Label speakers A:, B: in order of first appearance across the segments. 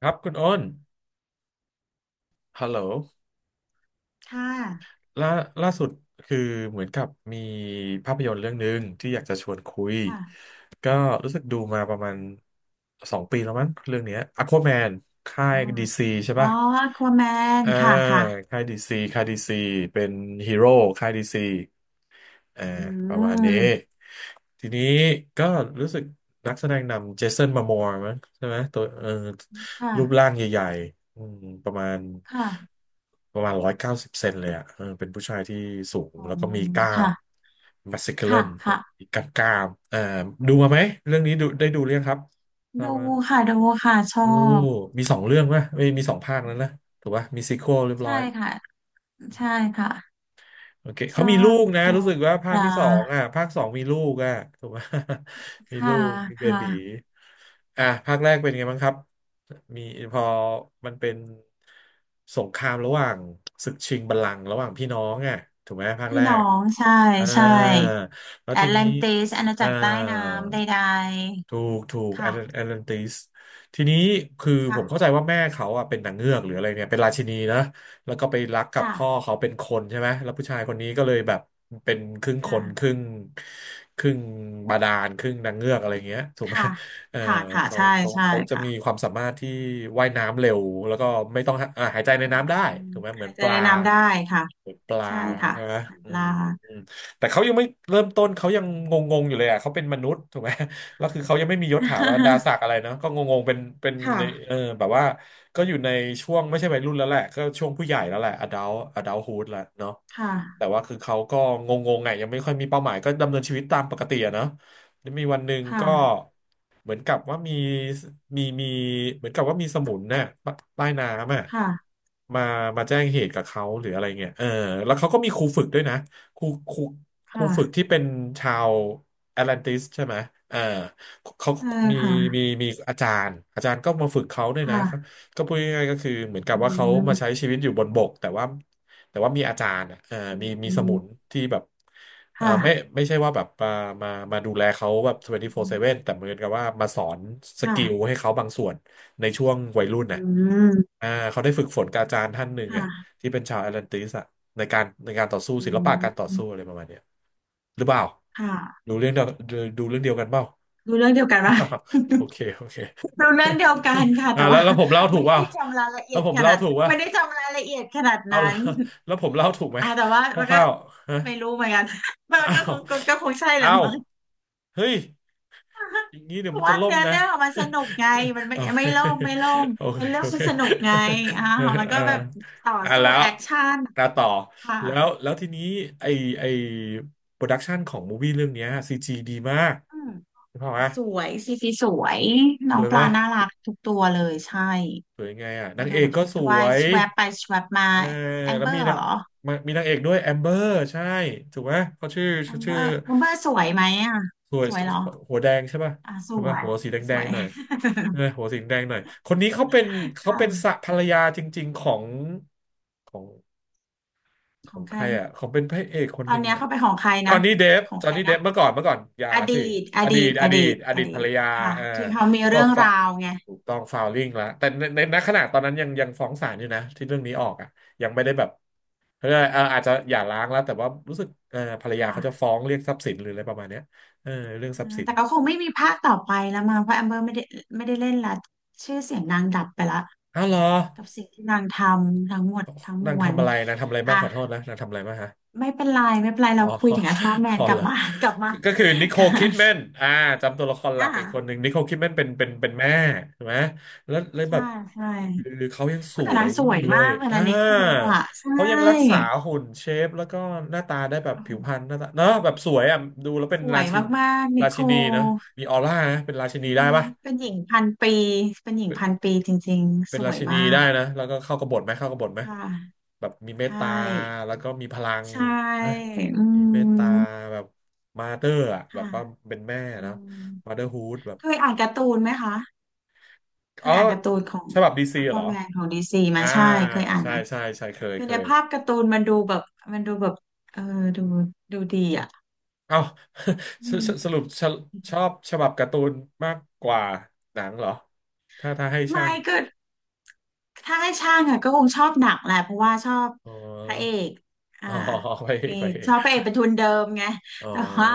A: ครับคุณอ้นฮัลโหล
B: ค่ะ
A: ล่าล่าสุดคือเหมือนกับมีภาพยนตร์เรื่องหนึ่งที่อยากจะชวนคุย
B: ค่ะ
A: ก็รู้สึกดูมาประมาณสองปีแล้วมั้งเรื่องเนี้ย Aquaman ค่า
B: อ๋
A: ย
B: อ
A: ดีซีใช่
B: อ๋อ
A: ป่ะ
B: ควแมน
A: อ่า
B: ค่ะค่ะ
A: ค่ายดีซีเป็นฮีโร่ค่ายดีซี เออ
B: อื
A: ประมาณนี้
B: ม
A: ทีนี้ก็รู้สึกนักแสดงนำเจสันมามัวร์มั้งใช่ไหมตัว
B: ค่ะ
A: รูปร่างใหญ่ๆประมาณ
B: ค่ะ
A: ร้อยเก้าสิบเซนเลยอ่ะเออเป็นผู้ชายที่สูง
B: อ๋อ
A: แล้วก็มีกล้าม
B: ค่ะ
A: มัสคิลเล
B: ค่ะ
A: น
B: ค่ะ
A: มีกล้ามอ่าดูมาไหมเรื่องนี้ดูได้ดูเรื่องครับทราบ
B: ดู
A: ว่า
B: ค่ะดูค่ะ ชอ
A: โอ้
B: บ
A: มีสองเรื่องไหมไม่มีสองภาคแล้วนะถูกป่ะมีซีควอลเรียบ
B: ใช่
A: ร้อย
B: ค่ะใช่ค่ะ
A: โอเค
B: ช
A: เขา
B: อ
A: มีลู
B: บ
A: กนะ
B: ดู
A: รู้สึกว่า
B: ป
A: ภาค
B: ลา
A: ที่สองอ่ะภาคสองมีลูกอ่ะถูกไหม มี
B: ค่ะ
A: ลูก มีเบ
B: ค่ะ
A: บีอ่ะภาคแรกเป็นไงบ้างครับ มีพอมันเป็นสงครามระหว่างศึกชิงบัลลังก์ระหว่างพี่น้องอ่ะถูกไหมภาค
B: พี่
A: แร
B: น้อ
A: ก
B: ง ใช่
A: อ่า
B: ใช่
A: แล้ว
B: แอ
A: ที
B: ตแล
A: นี้
B: นติสอาณา
A: อ่า
B: จักรใต้น้ำใด
A: ถูก
B: ๆ
A: แอ
B: ค่ะ
A: ตแลนติสทีนี้คือผม
B: ค่ะ
A: เข้าใจว่าแม่เขาอ่ะเป็นนางเงือกหรืออะไรเนี่ยเป็นราชินีนะแล้วก็ไปรักกับพ่อ
B: ค่ะ
A: เขาเป็นคนใช่ไหมแล้วผู้ชายคนนี้ก็เลยแบบเป็นครึ่งค
B: ค่ะ
A: นครึ่งครึ่งบาดาลครึ่งนางเงือกอะไรเงี้ยถูกไหม
B: ค่ะ
A: เออ
B: ค่ะ ค่ะใช่ ใช่
A: เขาจะมี
B: ค่ะ
A: ความสามารถที่ว่ายน้ำเร็วแล้วก็ไม่ต้องหาหายใจใน
B: อื
A: น้ำได้
B: ม
A: ถูกไหม
B: ใค
A: เหมื
B: ร
A: อนป
B: จะ
A: ลา
B: แนะนำได้ค่ะ
A: เหมือนปลา
B: ใช่ค่ะ
A: ใช่ไหมอื
B: ลา
A: ม แต่เขายังไม่เริ่มต้นเขายังงงๆอยู่เลยอ่ะเขาเป็นมนุษย์ถูกไหม แล้วคือเขายังไม่มียศถาบรรดา ศักดิ์อะไรเนาะก็งงๆเป็น
B: ค
A: ในเอ
B: ่ะ
A: แบบว่าก็อยู่ในช่วงไม่ใช่วัยรุ่นแล้วแหละก็ช่วงผู้ใหญ่แล้วแหละ adult adulthood แล้วเนาะ
B: ค่ะ
A: แต่ว่าคือเขาก็งงๆไงยังไม่ค่อยมีเป้าหมายก็ดำเนินชีวิตตามปกติอะเนาะแล้วมีวันหนึ่ง
B: ค่ะ
A: ก็เหมือนกับว่ามีมีมีเหมือนกับว่ามีสมุนน่ะใต้น้ำอ่ะ
B: ค่ะ
A: มามาแจ้งเหตุกับเขาหรืออะไรเงี้ยเออแล้วเขาก็มีครูฝึกด้วยนะครูครู
B: ค่ะ
A: ฝึกที่เป็นชาวแอตแลนติสใช่ไหมอ่าเขา
B: ใช่
A: มี
B: ค่ะ
A: มีอาจารย์ อาจารย์ก็มาฝึกเขาด้วย
B: ค
A: นะเขา
B: ่ะ
A: ก็พูดง่ายๆก็คือ เหมือนกับ
B: อื
A: ว่าเขามาใช้
B: ม
A: ชีวิตอยู่บนบกแต่ว่ามีอาจารย์อ่ะ
B: อ
A: มีมี
B: ื
A: สมุ
B: ม
A: นที่แบบ
B: ค่ะ
A: ไม่ใช่ว่าแบบมาดูแลเขาแบบ
B: อื
A: 24/7
B: ม
A: แต่เหมือนกับว่ามาสอนสกิล
B: ค่ะ
A: ให้เขาบางส่วนในช่วงวัยรุ่น
B: อื
A: น่ะ
B: ม
A: อ่าเขาได้ฝึกฝนกับอาจารย์ท่านหนึ่งอ่ะ
B: ค่ะ
A: ที่เป็นชาวแอตแลนติสอะในการต่อสู้
B: อื
A: ศิลปะการต่อสู้
B: ม
A: อะไรประมาณเนี้ยหรือเปล่า
B: ค่ะ
A: ดูเรื่องเดียวเรื่องเดียวกันเปล่า
B: ดูเรื่องเดียวกันปะ
A: โอเค
B: ดูเรื่องเดียวกันค่ะ
A: อ่า
B: แต่ว่า
A: แล้วผมเล่าถูก
B: ไม่
A: เปล่า
B: ได้จำรายละเอี
A: แล้ว
B: ยด
A: ผม
B: ข
A: เล่า
B: นาด
A: ถูกว่า
B: ไม่ได้จำรายละเอียดขนาด
A: เอา
B: นั้
A: แล้
B: น
A: วแล้วผมเล่าถูกไหม
B: แต่ว่ามัน
A: ค
B: ก็
A: ร่าวๆฮะ
B: ไม่รู้เหมือนกัน มัน
A: อ้า
B: ก็ค
A: ว
B: งก็คงใช่แหละ
A: อ้าว
B: มั้ง
A: เฮ้ย อ ย่างนี้เดี๋
B: เพ
A: ยวมั
B: ราะ
A: นจะ
B: ว่า
A: ล่ม
B: เนื้อ
A: นะ
B: เรื่องอะมันสนุกไงมัน ไม่
A: โอเค
B: ไม่โล่งไม่โล่ง
A: โอเค
B: เนื้อเรื่อ
A: โอ
B: งมั
A: เค
B: นสนุกไงอ่ามัน
A: อ่า
B: ก็แบบต่อสู้
A: แล้ว
B: แอคชั่น
A: ตาต่อ
B: ค่ะ
A: แล้วทีนี้ไอไอโปรดักชันของมูวี่เรื่องเนี้ยซีจีดีมาก
B: อืม
A: เห็นเปล่าวะ
B: สวยซีสวยน้
A: ส
B: อง
A: วย
B: ป
A: ไหม
B: ลาน่ารักทุกตัวเลยใช่
A: สวยยังไงอ่ะ
B: มั
A: นา
B: น
A: ง
B: ดู
A: เอ
B: แบ
A: กก็ส
B: บว่า
A: ว
B: ย
A: ย
B: แชวบไปแชวบมา
A: เออ
B: แอม
A: แล้
B: เบ
A: ว
B: อ
A: มี
B: ร์
A: นาง
B: เหรอ
A: นางเอกด้วยแอมเบอร์ใช่ถูกไหมเขาชื่อ
B: นัมเบ
A: ชื่อ
B: อร์นัมเบอร์สวยไหมอ่ะ
A: สวย
B: สวยเหรอ
A: หัวแดงใช่ป่ะ
B: อ่ะส
A: ถูก
B: ว
A: ป่ะ
B: ย
A: หัวสีแด
B: สว
A: ง
B: ย
A: ๆหน่อยเออหัวสีแดงหน่อยคนนี้เขาเป็น
B: ค่ะ
A: สะภรรยาจริงๆของของข
B: ข
A: อ
B: อง
A: งใค
B: ใคร
A: รอ่ะของเป็นพระเอกคน
B: ตอ
A: ห
B: น
A: นึ่ง
B: เนี้ย
A: อ่ะ
B: เข้าไปของใคร
A: จอ
B: นะ
A: ห์นนี่เดฟ
B: ของใครนะ
A: เมื่อก่อนอย่า
B: อดี
A: สิ
B: ตอ
A: อดี
B: ดีต
A: ต
B: อดีตอดี
A: ภร
B: ต
A: รยา
B: ค่ะ
A: เออ
B: ที่เขามี
A: ก็
B: เรื่อง
A: ฟะ
B: ราวไง
A: ถูกต้องฟาวลิ่งแล้วแต่ในณขณะตอนนั้นยังฟ้องศาลอยู่นะที่เรื่องนี้ออกอ่ะยังไม่ได้แบบเออาจจะหย่าร้างแล้วแต่ว่ารู้สึกเออภรรยาเขาจะ
B: ค่ะ
A: ฟ้องเรียกทรัพย์สินหรืออะไรประมาณเนี้ยเออเรื่อง
B: อ่า
A: ทรัพย์สิน
B: แต่ก็คงไม่มีภาคต่อไปแล้วมั้งเพราะแอมเบอร์ไม่ได้ไม่ได้เล่นละชื่อเสียงนางดับไปละ
A: อ้าวเหรอ
B: กับสิ่งที่นางทำทั้งหมดทั้งม
A: นาง
B: วล
A: ทำอะไรนางทำอะไรบ้า
B: อ่ะ
A: งขอโทษนะนางทำอะไรบ้างฮะ
B: ไม่เป็นไรไม่เป็นไร
A: อ๋อ
B: เราคุยถึงไอ้ฟอร์แม น
A: อ๋อ
B: กลั
A: เหร
B: บ
A: อ
B: มา กลับมา
A: ก็คือนิโค ล
B: ค่ะ
A: คิดแมนอ่าจำตัวละครหลั
B: อ่ะ
A: กอีกคนหนึ่งนิโคลคิดแมนเป็นแม่ใช่ไหมแล้วเลยแบ
B: ใช่
A: บ
B: ใช่
A: คือเขายังส
B: โอ้แต่
A: ว
B: นา
A: ย
B: งส
A: อ
B: ว
A: ยู่
B: ย
A: เล
B: มา
A: ย
B: กเลย
A: อ่า
B: นะนิโคลอ่ะใช่
A: เขายังรักษาหุ่นเชฟแล้วก็หน้าตาได้แบบ
B: โอ้โห
A: ผิวพรรณหน้าตาเนาะแบบสวยอ่ะดูแล้วเป็
B: ส
A: น
B: ว
A: รา
B: ย
A: ชิน
B: มากๆนิ
A: รา
B: โค
A: ชิ
B: ล
A: นีเนาะมีออร่านะเป็นราชินี
B: ใช่
A: ได้ปะ
B: เป็นหญิงพันปี เป็นหญิงพันปีจริงๆ
A: เป็
B: ส
A: นรา
B: วย
A: ชินี
B: มา
A: ได้
B: ก
A: นะแล้วก็เข้ากบฏไหมเข้ากบฏไหม
B: ค่ะ
A: แบบมีเมต
B: ใช่
A: ตา แล้วก็มีพลัง
B: ใช่
A: ฮะ
B: อื
A: มีเมตตา
B: ม
A: แบบมาเตอร์อะแบบ
B: ค่ะ
A: ว่าเป็นแม่
B: อื
A: นะ
B: ม
A: มาเตอร์ฮูดแบบ
B: เคยอ่านการ์ตูนไหมคะ เค
A: อ๋อ
B: ยอ่านการ์ตูนของ
A: ฉบับดีซี
B: อค
A: เหร
B: วา
A: อ
B: แมนของดีซีไหม
A: อ่า
B: ใช่เคยอ่าน
A: ใช่
B: ไหม
A: ใช่ใช่เคย
B: คือ
A: เค
B: ใน
A: ย
B: ภาพการ์ตูนมันดูแบบมันดูแบบเออดูดูดีอ่ะ
A: เอ้า
B: อื
A: ส
B: ม
A: สรุปชอบชอบฉบับการ์ตูนมากกว่าหนังเหรอถ้าให้ช่า
B: ไม่
A: ง
B: ก็ ถ้าให้ช่างอะก็คงชอบหนังแหละเพราะว่าชอบ
A: อ๋
B: พระเอ
A: อ
B: ก อ่า
A: อ๋อไปเอ
B: มี
A: ง
B: ชอบพระเอกเป็นทุนเดิมไง
A: อ๋อ
B: แต่ว่า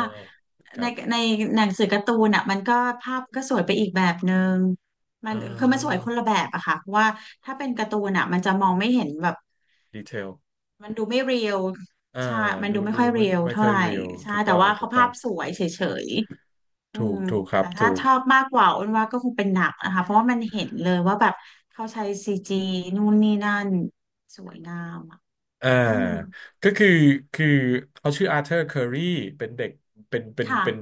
A: ค
B: ใน
A: รับ
B: ในหนังสือการ์ตูนอะมันก็ภาพก็สวยไปอีกแบบนึงมัน
A: อ่
B: คือมันสวย
A: อ
B: คนละแบบอะค่ะเพราะว่าถ้าเป็นการ์ตูนอะมันจะมองไม่เห็นแบบ
A: ดีเทล
B: มันดูไม่เรียล
A: อ่า
B: ใช่มัน
A: ดู
B: ดูไม่ค่อย
A: ไม่
B: เรียลเท่า
A: ค่อย
B: ไหร่
A: เรียว
B: ใช่
A: ถูก
B: แต่
A: ต้อง
B: ว่าเขาภาพสวยเฉย อื
A: ถู
B: ม
A: กครับ
B: แต่ถ้า
A: ถูก
B: ชอบมากกว่าอ้นว่าก็คงเป็นหนังนะคะเพราะว่ามันเห็นเลยว่าแบบเขาใช้ซีจีนู่นนี่นั่นสวยงามอ่ะ
A: อ่า
B: อืม
A: ก็คือคือเขาชื่ออาร์เธอร์เคอรีเป็นเด็กเป็นเป็น
B: ค่ะ
A: เป็น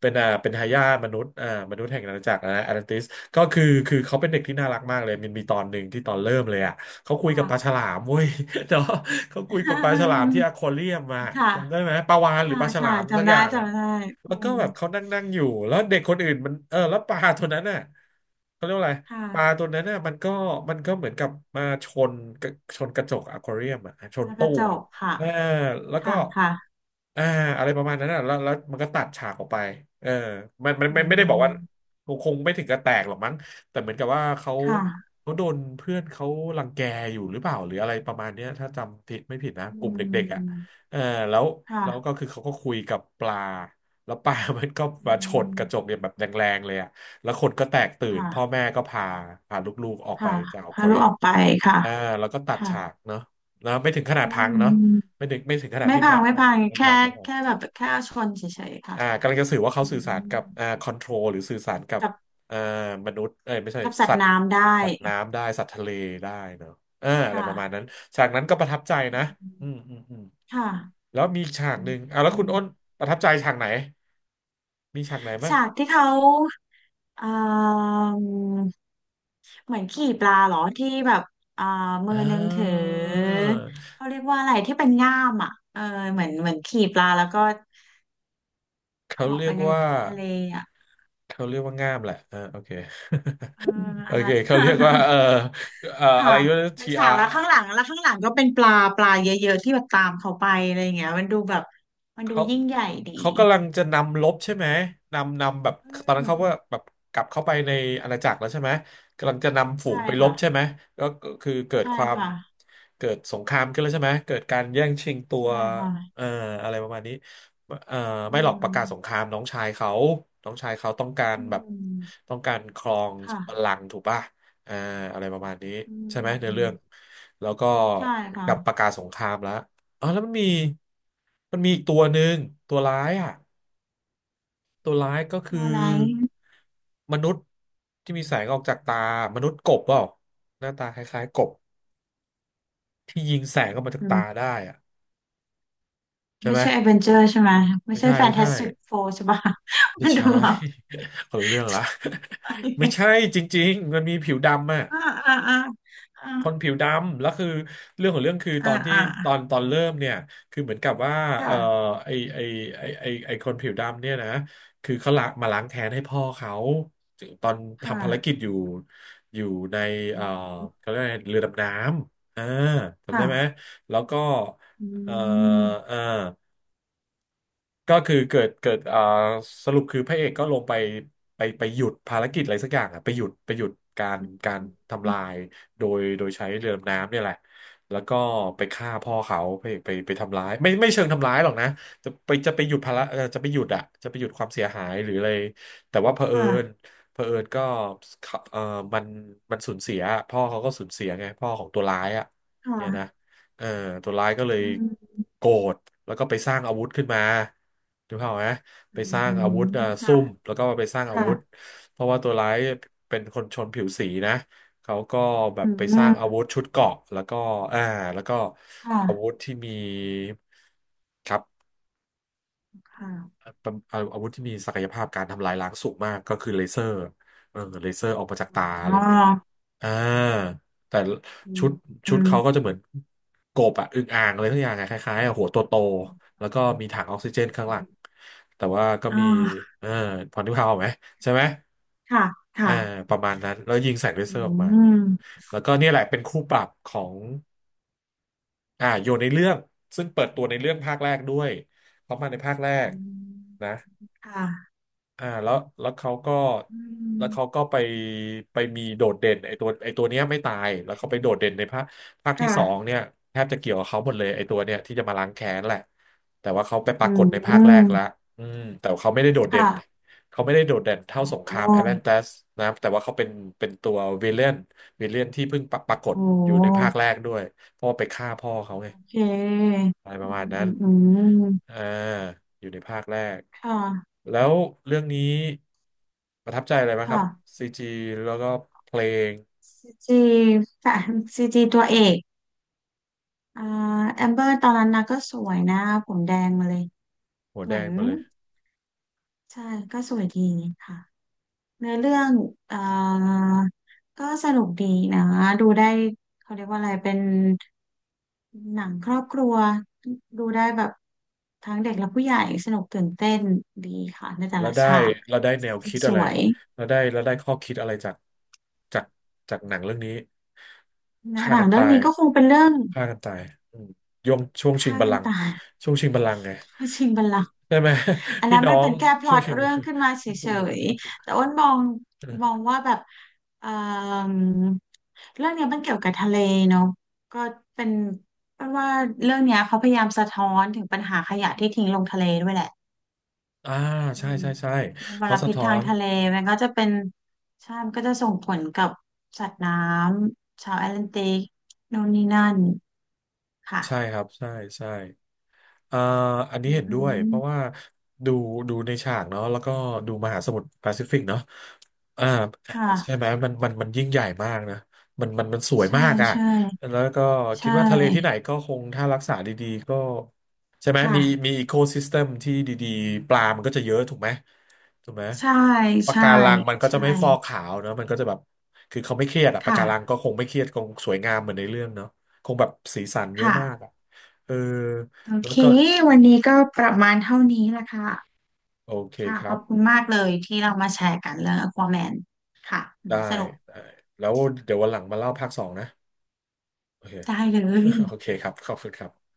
A: เป็นอ่าเป็นทายาทมนุษย์อ่ามนุษย์แห่งอาณาจักรนะแอตแลนติสก็คือเขาเป็นเด็กที่น่ารักมากเลยมันมีตอนหนึ่งที่ตอนเริ่มเลยอ่ะเขาคุยกับ
B: ค่ะ
A: ปลาฉลามเว้ย เนาะเขาคุยกับปลาฉลามที่อควาเรียมมา
B: ค่ะ
A: จำได้ไหมปลาวาฬหรือ
B: ค่ะ
A: ปลาฉลา
B: ค่ะ
A: มสัก
B: จำ
A: อ
B: ได้
A: ย่างอ่ะ
B: จำได้อื
A: แล้วก็
B: ม
A: แบบเขานั่งนั่งอยู่แล้วเด็กคนอื่นมันเออแล้วปลาตัวนั้นน่ะเขาเรียกว่าอะไร
B: ค่ะ
A: ปลาตัวนั้นน่ะมันก็เหมือนกับมาชนกระจกอควาเรียมอ่ะชน
B: แล้วก็
A: ตู้
B: จ
A: อ่ะ
B: บค่ะ
A: เออแล้วก็
B: ค่ะค่ะ
A: อ่าอะไรประมาณนั้นน่ะแล้วมันก็ตัดฉากออกไปเออ
B: อื
A: มันไม่ได้บอกว่า
B: ม
A: คงไม่ถึงกับแตกหรอกมั้งแต่เหมือนกับว่าเขา
B: ค่ะ
A: โดนเพื่อนเขารังแกอยู่หรือเปล่าหรืออะไรประมาณเนี้ยถ้าจำผิดไม่ผิดนะ
B: อื
A: กลุ่มเด็กๆอ่ะ
B: ม
A: เออแล้วแล้วก็
B: ค่ะ
A: คือเขาก็คุยกับปลา แล้วปลา มันก็
B: อื
A: มาชนก
B: ม
A: ระจกเนี่ยแบบแรงๆเลยอะแล้วคนก็แตกตื่นพ่อ
B: ค่ะ
A: แม่ก็พาลูกๆออกไป
B: ค่ะ
A: จากอค
B: พา
A: วา
B: ลู
A: เรี
B: ก
A: ย
B: อ
A: ม
B: อกไปค่ะ
A: อ่าแล้วก็ตัด
B: ค่ะ
A: ฉากเนาะนะไม่ถึงขนาด
B: อื
A: พังเนาะ
B: ม
A: ไม่ถึงขนาด
B: ไม่
A: ที่
B: พั
A: นะ
B: ง
A: เอ
B: ไม่
A: อ
B: พัง
A: ไม่พั
B: แค่
A: ง
B: แค่แบบแค่ชนเฉยๆค่ะ
A: อ่ากำลังจะสื่อว่าเขา
B: อื
A: สื่อสาร
B: ม
A: กับอ่าคอนโทรลหรือสื่อสารกับ
B: กับ
A: อ่ามนุษย์เอ้ยไม่ใช่
B: กับสัต
A: สั
B: ว์
A: ตว์
B: น้ำได้
A: น้ำได้สัตว์ทะเลได้เนาะอ่า
B: ค
A: อะไรประมาณนั้น
B: ่ะ
A: ฉากนั้นก็ประทับใจ
B: อื
A: นะ
B: ม
A: อืมอืมอืม
B: ค่ะ
A: แล้วมีฉา
B: อ
A: กหนึ่งอ่าแล้ว
B: ื
A: คุณอ้น
B: ม
A: ประทับใจฉากไหนมีฉากไหนบ้าง
B: ฉากที่เขาเอ่อเหมือนขี่ปลาเหรอที่แบบเอ่อมื
A: อ่
B: อหนึงถือ
A: า
B: เขาเรียกว่าอะไรที่เป็นง่ามอ่ะเออเหมือนเหมือนขี่ปลาแล้วก็
A: เขา
B: เหาะ
A: เรี
B: ไป
A: ยก
B: ใน
A: ว่า
B: ทะเลอ่ะ
A: เขาเรียกว่าง่ามแหละอ่าโอเค
B: เออ
A: โอ
B: อัน
A: เค
B: นั้น
A: เขาเรียกว่า เอ่อเอ่อ
B: ค่ะ
A: อะไรวา
B: เป็น
A: ที
B: ฉา
A: อา
B: ก
A: ร์
B: แล้วข้างหลังแล้วข้างหลังก็เป็นปลาปลาเยอะๆที่แบบตามเขาไปอะไรอย่างเงี้ยมันดูแบบมันดู
A: เขา
B: ยิ่งใหญ่ดี
A: กำลังจะนำลบใช่ไหมนำแบบ
B: อื
A: ตอนนั้น
B: ม
A: เขาว่าแบบกลับเข้าไปในอาณาจักรแล้วใช่ไหมกำลังจะนำฝู
B: ใช่
A: งไปล
B: ค่ะ
A: บใช่ไหมก็คือเกิด
B: ใช่
A: ความ
B: ค่ะ
A: เกิดสงครามขึ้นแล้วใช่ไหมเกิดการแย่งชิงตัว
B: ใช่ค่ะ
A: เอ่ออะไรประมาณนี้เอ่อ
B: อื
A: ไม่หรอกประกาศสงค
B: ม
A: รามน้องชายเขาน้องชายเขาต้องการ
B: อื
A: แบบ
B: ม
A: ต้องการครองบัล
B: ค่ะ
A: ลังก์ถูกป่ะเอ่ออะไรประมาณนี้
B: อื
A: ใช่ไหมในเรื่อง
B: ม
A: แล้วก็
B: ใช่ค่ะ
A: กับประกาศสงครามแล้ว อ๋อแล้วมันมีอีกตัวหนึ่งตัวร้ายอ่ะตัวร้ายก็คื
B: ตั
A: อ
B: วอะไร
A: มนุษย์ที่มีแสงออกจากตามนุษย์กบเปล่าหน้าตาคล้ายๆกบที่ยิงแสงออกมาจาก
B: อื
A: ตา
B: ม
A: ได้อ่ะใช่
B: ไม่
A: ไหม
B: ใช่ a อเวนเจอร์ใช่ไหมไม่
A: ไม่
B: ใช่
A: ใช่
B: แฟนตาสติกโฟร์ใช่ปะ
A: ไม่
B: มันดู
A: ใช่
B: แบบ
A: คนละเรื่องละ ไม่ใช่ จริงๆมันมีผิวดำอ่ะ
B: อ่าอ่าอ่าอ่า
A: คนผิวดำแล้วคือเรื่องของเรื่องคือต
B: อ่า
A: อนที่
B: อ่า
A: ตอนเริ่มเนี่ยคือเหมือนกับว่าเออ
B: ค่ะ
A: ไอไอไอคนผิวดำเนี่ยนะคือเขาละมาล้างแค้นให้พ่อเขาตอน
B: ค
A: ทำภารกิจ
B: ่ะ
A: อยู่อยู่ใน
B: อื
A: เออ
B: ม
A: เขาเรียกอะไรเรือดำน้ำอ่าจำได้
B: ค่ะ
A: ไหมแล้วก็
B: อื
A: เออเอ
B: ม
A: อ ก็คือเกิดอ่าสรุปคือพระเอกก็ลงไปไปหยุดภารกิจอะไรสักอย่างอะไปหยุดการการทำลายโดยใช้เรือดำน้ำเนี่ยแหละแล้วก็ไปฆ่าพ่อเขาพระเอกไปทำร้ายไม่เชิงทำร้ายหรอกนะจะไปหยุดภาระเอ่อจะไปหยุดอะจะไปหยุดความเสียหายหรืออะไรแต่ว่าเผอิญ
B: ค่ะ
A: เผอิญก็เขาเออมันสูญเสียพ่อเขาก็สูญเสียไงพ่อของตัวร้ายอะเนี่ยนะ
B: ค่ะ
A: เออตัวร้ายก็เลย
B: อืม
A: โกรธแล้วก็ไปสร้างอาวุธขึ้นมาถูกเปล่าพไหมไป
B: อื
A: สร้างอาวุธ
B: ม
A: เอ่อซุ่
B: ค่ะ
A: มแล้วก็ไปสร้างอา
B: ค่ะ
A: วุธเพราะว่าตัวร้ายเป็นคนชนผิวสีนะเขาก็แบ
B: อื
A: บไปสร้างอา
B: ม
A: วุธชุดเกราะแล้วก็อ่าแล้วก็
B: ค่ะ
A: อาวุธที่มีครับ
B: ค่ะ
A: เป็นอาวุธที่มีศักยภาพการทำลายล้างสูงมากก็คือเลเซอร์เออเลเซอร์ออกมาจากตาอะไร
B: อ๋อ
A: เงี้ย อ่าแต่
B: อื
A: ชุ
B: ม
A: ด
B: อื
A: ชุด
B: ม
A: เขาก็จะเหมือนกบอะอึ่งอ่างอะไรทุกอย่างอะคล้ายๆอะหัวโตโตแล้วก็มีถังออกซิเจนข้างหลังแต่ว่าก็
B: อ
A: มี
B: ่า
A: เออพอนึกภาพออกไหมใช่ไหม
B: ค่ะค่ะ
A: อ่าประมาณนั้นแล้วยิงใส่เลเซ
B: อื
A: อร์ออกมา
B: ม
A: แล้วก็เนี่ยแหละเป็นคู่ปรับของโยนในเรื่องซึ่งเปิดตัวในเรื่องภาคแรกด้วยเพราะมาในภาคแรก
B: อืม
A: นะ
B: ค่ะ
A: อ่าแล้วแล้วเขาก็
B: อื
A: แล้วเขา
B: ม
A: ก็ไปไปมีโดดเด่นไอตัวเนี้ยไม่ตายแล้วเขาไปโดดเด่นในภาคที่สอง
B: ค่ะ
A: เนี่ยแทบจะเกี่ยวกับเขาหมดเลยไอตัวเนี่ยที่จะมาล้างแค้นแหละแต่ว่าเขาไปป
B: อื
A: รากฏในภาคแรก
B: ม
A: ละอืมแต่เขาไม่ได้โดดเด่น
B: ค่ะ
A: เขาไม่ได้โดดเด่นเท่าสงครา
B: โอ้
A: มแอตแลนติสนะแต่ว่าเขาเป็นเป็นตัววิลเลนวิลเลนที่เพิ่งปรากฏ
B: โอ้
A: อยู่ในภาคแรกด้วยเพราะว่าไปฆ่าพ่อเขาไง
B: โอเค
A: อะไรประ
B: อื
A: มาณ
B: ม
A: นั้
B: อื
A: น
B: มอืม
A: อ่าอยู่ในภาคแรก
B: ค่ะ
A: แล้วเรื่องนี้ประทับใจอะไรบ้างครั
B: ค่ะ
A: บซีจีแล้วก็เพลง
B: ซีจีแฟนซีจีตัวเอกอ่าแอมเบอร์ตอนนั้นนะก็สวยนะผมแดงมาเลย
A: หัว
B: เห
A: แด
B: มือ
A: ง
B: น
A: มาเลย
B: ใช่ก็สวยดีค่ะ เนื้อเรื่องเอ่อก็สนุกดีนะดูได้เขาเรียกว่าอะไรเป็นหนังครอบครัวดูได้แบบทั้งเด็กและผู้ใหญ่สนุกตื่นเต้นดีค่ะในแต่
A: แล้ว
B: ละ
A: ได้
B: ฉาก
A: แล้วได้แน
B: เซ
A: ว
B: ตติ้ง
A: คิด
B: ส
A: อะไร
B: วย
A: แล้วได้ข้อคิดอะไรจากจากจากหนังเรื่องนี้
B: นะ
A: ฆ่า
B: หนั
A: กั
B: ง
A: น
B: เรื่อ
A: ตา
B: ง
A: ย
B: นี้ก็คงเป็นเรื่อง
A: ฆ่ากันตายอืมยงช่วงชิง
B: ฆ่า
A: บัล
B: กั
A: ลั
B: น
A: งก์
B: ตาย
A: ช่วงชิงบัลลังก์ไง
B: เพื่อชิงบัลลังก์
A: ใช่ไหม
B: อั น
A: พี่
B: นั้น
A: น้อ
B: มันเป็
A: ง
B: นแค่พ
A: ช่
B: ล็
A: ว
B: อ
A: ง
B: ต
A: ชิงบัล
B: เรื่อ
A: ลั
B: ง
A: งก
B: ขึ้นมาเฉย
A: ์
B: ๆแต่อ้นมอง
A: ถู
B: มอ
A: ก
B: งว่าแบบเอ่มเรื่องเนี้ยมันเกี่ยวกับทะเลเนาะก็เป็นเป็นว่าเรื่องเนี้ยเขาพยายามสะท้อนถึงปัญหาขยะที่ทิ้งลงทะเลด้วยแหละ
A: อ่า
B: อื
A: ใช่
B: ม
A: ใช่ใช่
B: มันม
A: เขา
B: ล
A: สะ
B: พิษ
A: ท้อ
B: ทาง
A: น
B: ทะเลมันก็จะเป็นใช่มันก็จะส่งผลกับสัตว์น้ำชาวแอตแลนติกโน่นนี่นั่น ค่ะ
A: ใช่ครับใช่ใช่ เอ่ออันนี้
B: อือ
A: เห็น
B: หื
A: ด้วยเพราะ
B: อ
A: ว่าดูดูในฉากเนาะแล้วก็ดูมหาสมุทรแปซิฟิกเนาะอ่า
B: ค
A: ใช่ไหม
B: ่ะ
A: มันยิ่งใหญ่มากนะมันสวย
B: ใช่
A: มากอ่ะ
B: ใช่
A: แล้วก็
B: ใช
A: คิดว่าทะเลที่ไหน
B: ่
A: ก็คงถ้ารักษาดีๆก็ใช่ไหม
B: ค่ะ
A: มีอีโคซิสเต็มที่ดีๆปลามันก็จะเยอะถูกไหมถูกไหม
B: ใช่
A: ปะ
B: ใช่
A: การังมันก็จะ
B: ใช่
A: ไม่ฟอกขาวเนาะมันก็จะแบบคือเขาไม่เครียดอะปะ
B: ค่ะ
A: การังก็คงไม่เครียดคงสวยงามเหมือนในเรื่องเนาะคงแบบสีสันเยอะ
B: ค่ะ
A: มากอะเออ
B: โอ
A: แล้ว
B: เค
A: ก็
B: วันนี้ก็ประมาณเท่านี้ละค่ะ
A: โอเค
B: ค่ะ
A: ค
B: ข
A: รั
B: อ
A: บ
B: บคุณมากเลยที่เรามาแชร์กันเรื่อง Aquaman ค่ะ
A: ได้
B: มันสนุก
A: ได้ แล้วเดี๋ยววันหลังมาเล่าภาคสองนะโอเค
B: ได้เล
A: โอเค
B: ย
A: ครับ ขอบคุณครับ